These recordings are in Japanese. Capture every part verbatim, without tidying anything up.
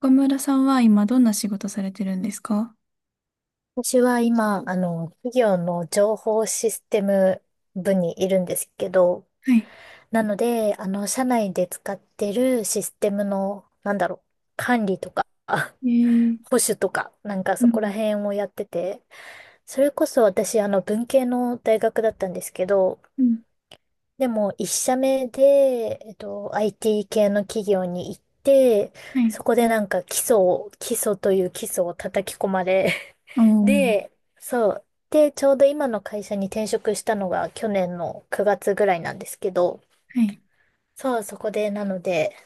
岡村さんは今どんな仕事されてるんですか？私は今、あの、企業の情報システム部にいるんですけど、はい。なので、あの、社内で使ってるシステムの、なんだろう、管理とか、あえー、保守とか、なんかうそこらん、辺をやってて、それこそ私、あの、文系の大学だったんですけど、うん、でも、一社目で、えっと、アイティー 系の企業に行って、はい。そこでなんか基礎を、基礎という基礎を叩き込まれ、おー、で、そう。で、ちょうど今の会社に転職したのが去年のくがつぐらいなんですけど、はい。そう、そこで、なので、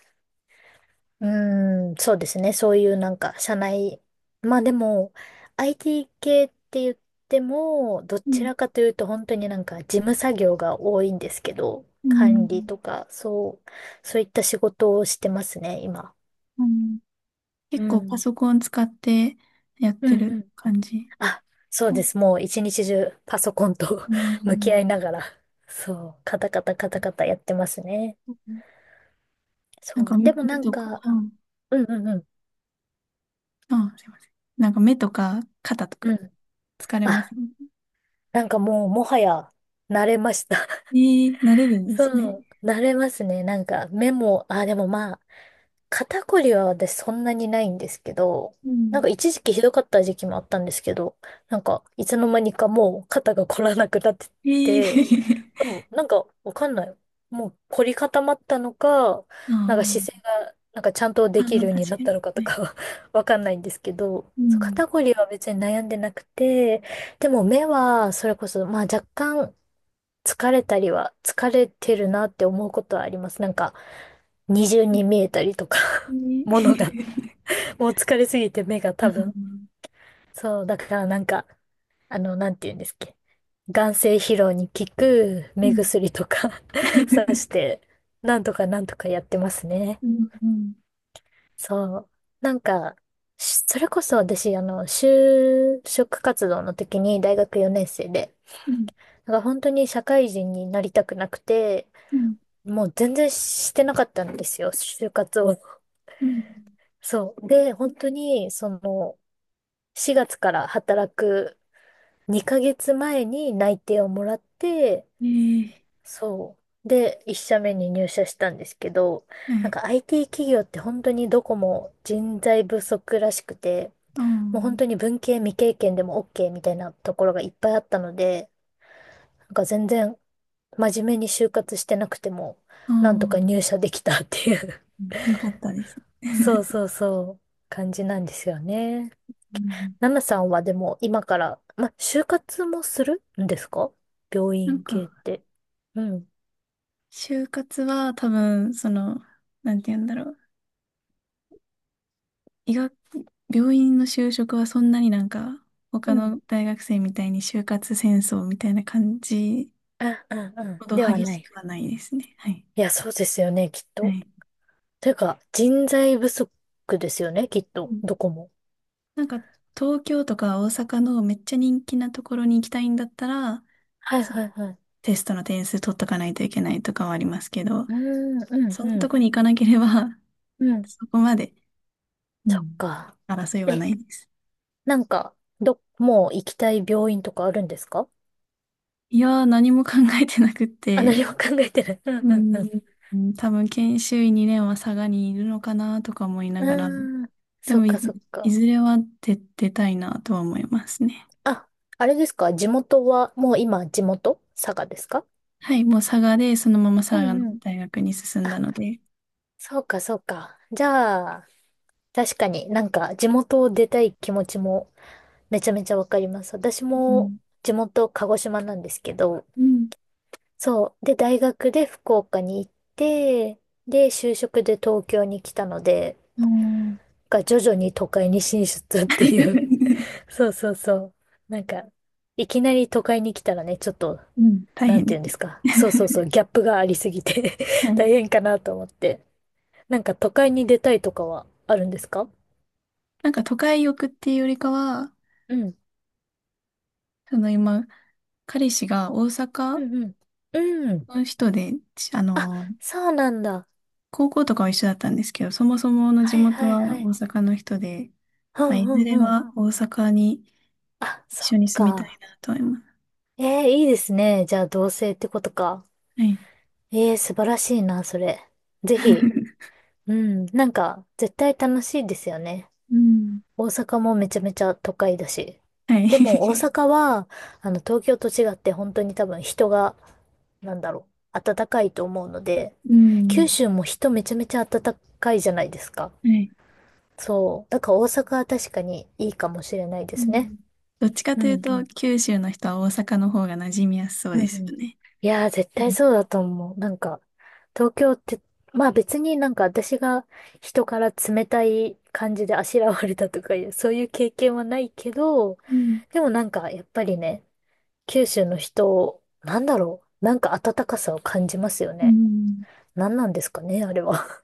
うーん、そうですね、そういうなんか、社内、まあでも、アイティー 系って言っても、どうちん、らかというと、本当になんか、事務作業が多いんですけど、う管ん、理とか、そう、そういった仕事をしてますね、今。うん。う結構パん。ソコン使ってやっうてん、るうん、感じ？あ、そううでん。す。もう一日中パソコンと あ 向きー。合いながら、そう、カタカタカタカタやってますね。なんそかう。目でもなんとか、か、うん、うんうんうん、あ、すいません。なんか目とか肩とかうん。疲れまあ、せん？なんかもうもはや慣れました。えー、慣れるん ですね。そう、慣れますね。なんかメモ、あ、でもまあ、肩こりは私そんなにないんですけど、うなんん。か一時期ひどかった時期もあったんですけど、なんかいつの間にかもう肩が凝らなくなってえー、て、でもなんかわかんない。もう凝り固まったのか、あなんか姿勢ー。がなんかちゃんとあできるー、ように確なっかたに。のかはとい。かは わかんないんですけど、うそうん。肩こりは別に悩んでなくて、でも目はそれこそまあ若干疲れたりは疲れてるなって思うことはあります。なんか二重に見えたりとか、え ものが、ー。 もう疲れすぎて目があ多ー。分。そう、だからなんか、あの、なんて言うんですっけ。眼精疲労に効くう目ん、薬とか さし て、なんとかなんとかやってますね。うん、うん、そう。なんか、しそれこそ私、あの、就職活動の時に大学よねん生で、うん、なんか本当に社会人になりたくなくて、うん、もう全然してなかったんですよ、就活を。うん。そう。で、本当に、その、しがつから働くにかげつまえに内定をもらって、ええ、そう。で、いち社目に入社したんですけど、はなんい。か アイティー 企業って本当にどこも人材不足らしくて、あもう本当に文系未経験でも OK みたいなところがいっぱいあったので、なんか全然真面目に就活してなくても、あ、あなんとか入あ、社できたっていう よかったです。そう そうそう、感じなんですよね。うん。ナナさんはでも今から、ま、就活もするんですか？病なん院系っか、て。うん。就活は多分、その、なんて言うんだろう。医学、病院の就職はそんなになんか、う他ん。の大学生みたいに就活戦争みたいな感じあ、うん、うほん。どでは激なしい。くはないですね。はい。いや、そうですよね、きっはと。い。というか、人材不足ですよね、きっうと。ん。どこも。なんか、東京とか大阪のめっちゃ人気なところに行きたいんだったら、はい、そう、はい、はい。テストの点数取っとかないといけないとかはありますけど、うーん、うん、そんなうとん、こに行かなければ、う ん。そこまで、うそっん、か。争いはえ、ないです。なんか、ど、もう行きたい病院とかあるんですか？いやー、何も考えてなくっあ、何て、も考えてない。うん、ううん、ん、ううん、多分研修医にねんは佐賀にいるのかなとか思いなん。がら、うーん、でそっもい、か、そっいか。ずれは出、出たいなとは思いますね。あ、あれですか？地元は、もう今地元佐賀ですか？はい、もう佐賀で、そのまま佐う賀のんうん。大学に進んだので、そうか、そうか。じゃあ、確かになんか地元を出たい気持ちもめちゃめちゃわかります。私うもん。地元鹿児島なんですけど、うん。そう。で、大学で福岡に行って、で、就職で東京に来たので、おー。 が徐々に都会に進出っていう。そうそうそう。なんか、いきなり都会に来たらね、ちょっとうん。大なん変てで言うんですす。か。そうそうそう、ギャップがありすぎて は 大い。変かなと思って。なんか都会に出たいとかはあるんですか？なんか都会欲っていうよりかは、うん。その今、彼氏が大う阪んうん。うのん。人で、ちああ、の、そうなんだ。高校とかは一緒だったんですけど、そもそもの地はい元はいはは大い。阪の人で、うまあ、んいうずれんうん。は大阪にあ、そ一緒っに住みたいか。なと思います。えー、いいですね。じゃあ同棲ってことか。はい。えー、素晴らしいな、それ。ぜひ。うん。なんか、絶対楽しいですよね。うん。大阪もめちゃめちゃ都会だし。はい。でも大 阪は、あの、東京と違って本当に多分人が、なんだろう、暖かいと思うので、う九ん。州も人めちゃめちゃ暖かいじゃないですか。はい。そう。だから大阪は確かにいいかもしれないでうすね。ん。どっちかうとんいううと、ん。九州の人は大阪の方が馴染みやすそううんでうすよん、ね。いやー、絶う対ん。そうだと思う。なんか、東京って、まあ別になんか私が人から冷たい感じであしらわれたとかいう、そういう経験はないけど、うん。でもなんかやっぱりね、九州の人、なんだろう、なんか温かさを感じますようね。ん。何なんですかね、あれは。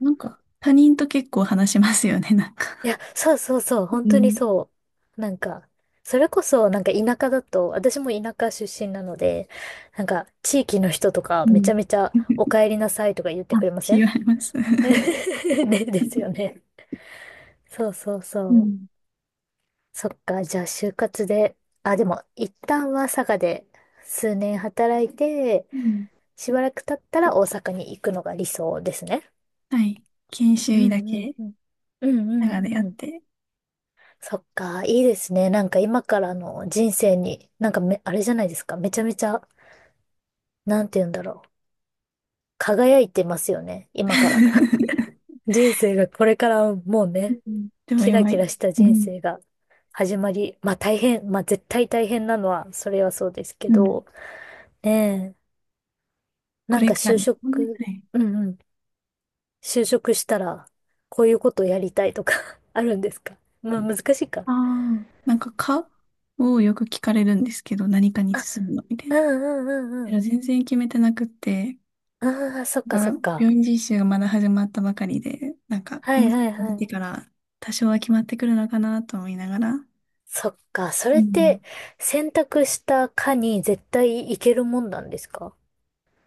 なんか、他人と結構話しますよね。なんいや、そうそうそう、う本当にん。そう。なんか、それこそ、なんか田舎だと、私も田舎出身なので、なんか、地域の人とか、うめちん。ゃめちゃ、お 帰りなさいとか言ってあ、くれま違せん？ います。ね、ですよね。そうそううそう。ん。そっか、じゃあ、就活で、あ、でも、一旦は佐賀で、数年働いて、うん。しばらく経ったら大阪に行くのが理想ですね。はい。研修う医んだうんけ、うん。うんう長でやっんうん。て。そっか、いいですね。なんか今からの人生に、なんかめ、あれじゃないですか。めちゃめちゃ、なんて言うんだろう。輝いてますよね。今から。人生が、これからもうね、うん。でもキラ今、キラしたう人ん、生が始まり、まあ大変、まあ絶対大変なのは、それはそうですけうん、ど、ねえ、こなんれかから就ね。は職、い。うんうん、就職したら、こういうことをやりたいとか あるんですか？まあ難しいか。ああ、なんか、かをよく聞かれるんですけど、何かにあ、進むのみたいうな。んうんうんうでもん。全然決めてなくって、ああ、そっだかかそらっか。病院実習がまだ始まったばかりで、なんか、はもいうちょっはいとは見てい。から、多少は決まってくるのかなと思いながら、そっか、そうれっん。て選択した科に絶対行けるもんなんですか？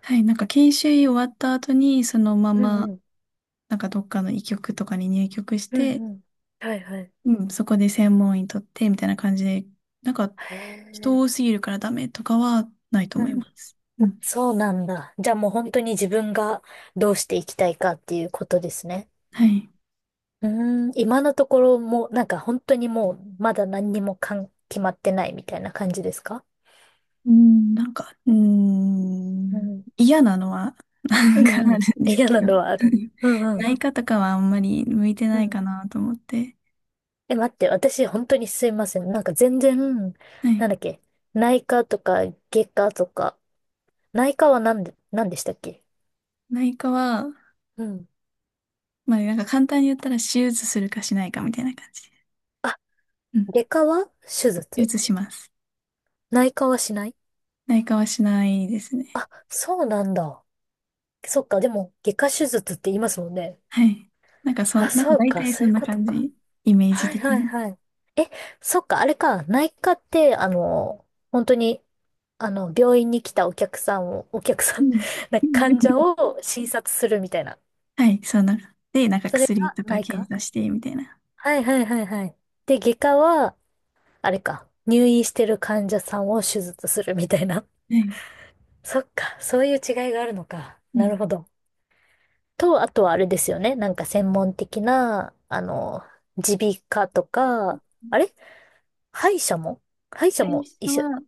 はい、なんか研修医終わった後に、そのまうま、んうん。なんかどっかの医局とかに入局しうんて、うん。はいはい。うん、そこで専門医取って、みたいな感じで、なんか、へ人え、多すぎるからダメとかはないとう思いん。ます。うん。そうなんだ。じゃあもう本当に自分がどうしていきたいかっていうことですね。はい。うーん、今のところもなんか本当にもうまだ何にもかん、決まってないみたいな感じですか？うん、なんか、ううん、ん。嫌なのは、 なうんかんうあるん。んです嫌けなど、のはある。うんうん内科とかはあんまり向いてうないかん。なと思って、え、待って、私、本当にすいません。なんか全然、はなんい。だっけ、内科とか外科とか、内科はなんで、なんでしたっけ？内科は、うん。まあなんか簡単に言ったら手術するかしないかみたいな感じで。あ、うん。外科は手手術？術します。内科はしない？内科はしないですね。あ、そうなんだ。そっか、でも、外科手術って言いますもんね。はい。なんかそあ、ん、なんかそう大か、体そそういんうなこと感か。じ。イメージはい的はいに。はい。え、そっか、あれか、内科って、あの、本当に、あの、病院に来たお客さんを、お客さうん、ん。なんか患者 を診察するみたいな。はい、そんな。で、なんかそれ薬がとか内検科？査して、みたいな。はいはいはいはい。で、外科は、あれか、入院してる患者さんを手術するみたいな。はい。そっか、そういう違いがあるのか。うなん。るほど。と、あとはあれですよね。なんか専門的な、あの、耳鼻科とか、あれ、歯医者も、歯医者会も医社者、は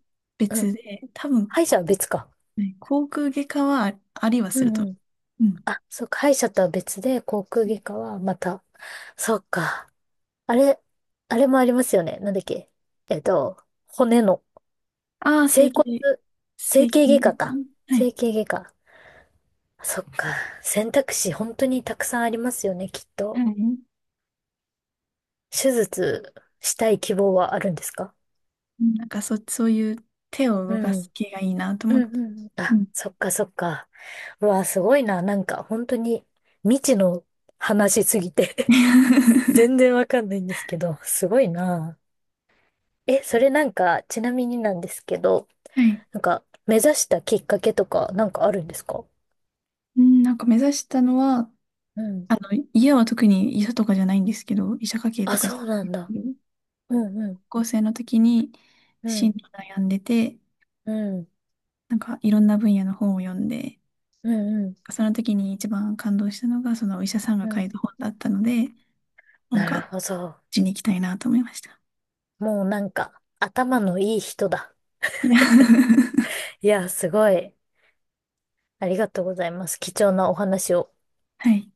うん。別で、多分、歯医者こは別か。う、はい、口腔外科はあありはうするんと。うん。うん。あ、そっか、歯医者とは別で、口腔外科はまた、そっか。あれ、あれもありますよね。なんだっけ？えっと、骨のああー、整整骨、形、整整形形外科外科。か。は整い。形外科。そっか。選択肢本当にたくさんありますよね、きっはい。と。うん。手術したい希望はあるんですか？なんかそ、そういう手をう動かん。す系がいいなとう思っんうんて。うん。うあ、ん。そっかそっか。うわ、すごいな。なんか本当に未知の話すぎて は全然わかんないんですけど、すごいな。え、それなんか、ちなみになんですけど、い。なんか目指したきっかけとかなんかあるんですか？うん、なんか目指したのは、うん。あの、家は特に医者とかじゃないんですけど、医者家系とあ、かじゃそうなないんんでだ。すけど、うんうん。高校生の時にう進ん路悩んでて、うん、なんかいろんな分野の本を読んで、うん、うん、その時に一番感動したのが、そのお医者さんうが書ん。いた本だったので、なんなか、るうほど。ちに行きたいなと思いました。もうなんか、頭のいい人だ。いや。 いや、すごい。ありがとうございます。貴重なお話を。はい。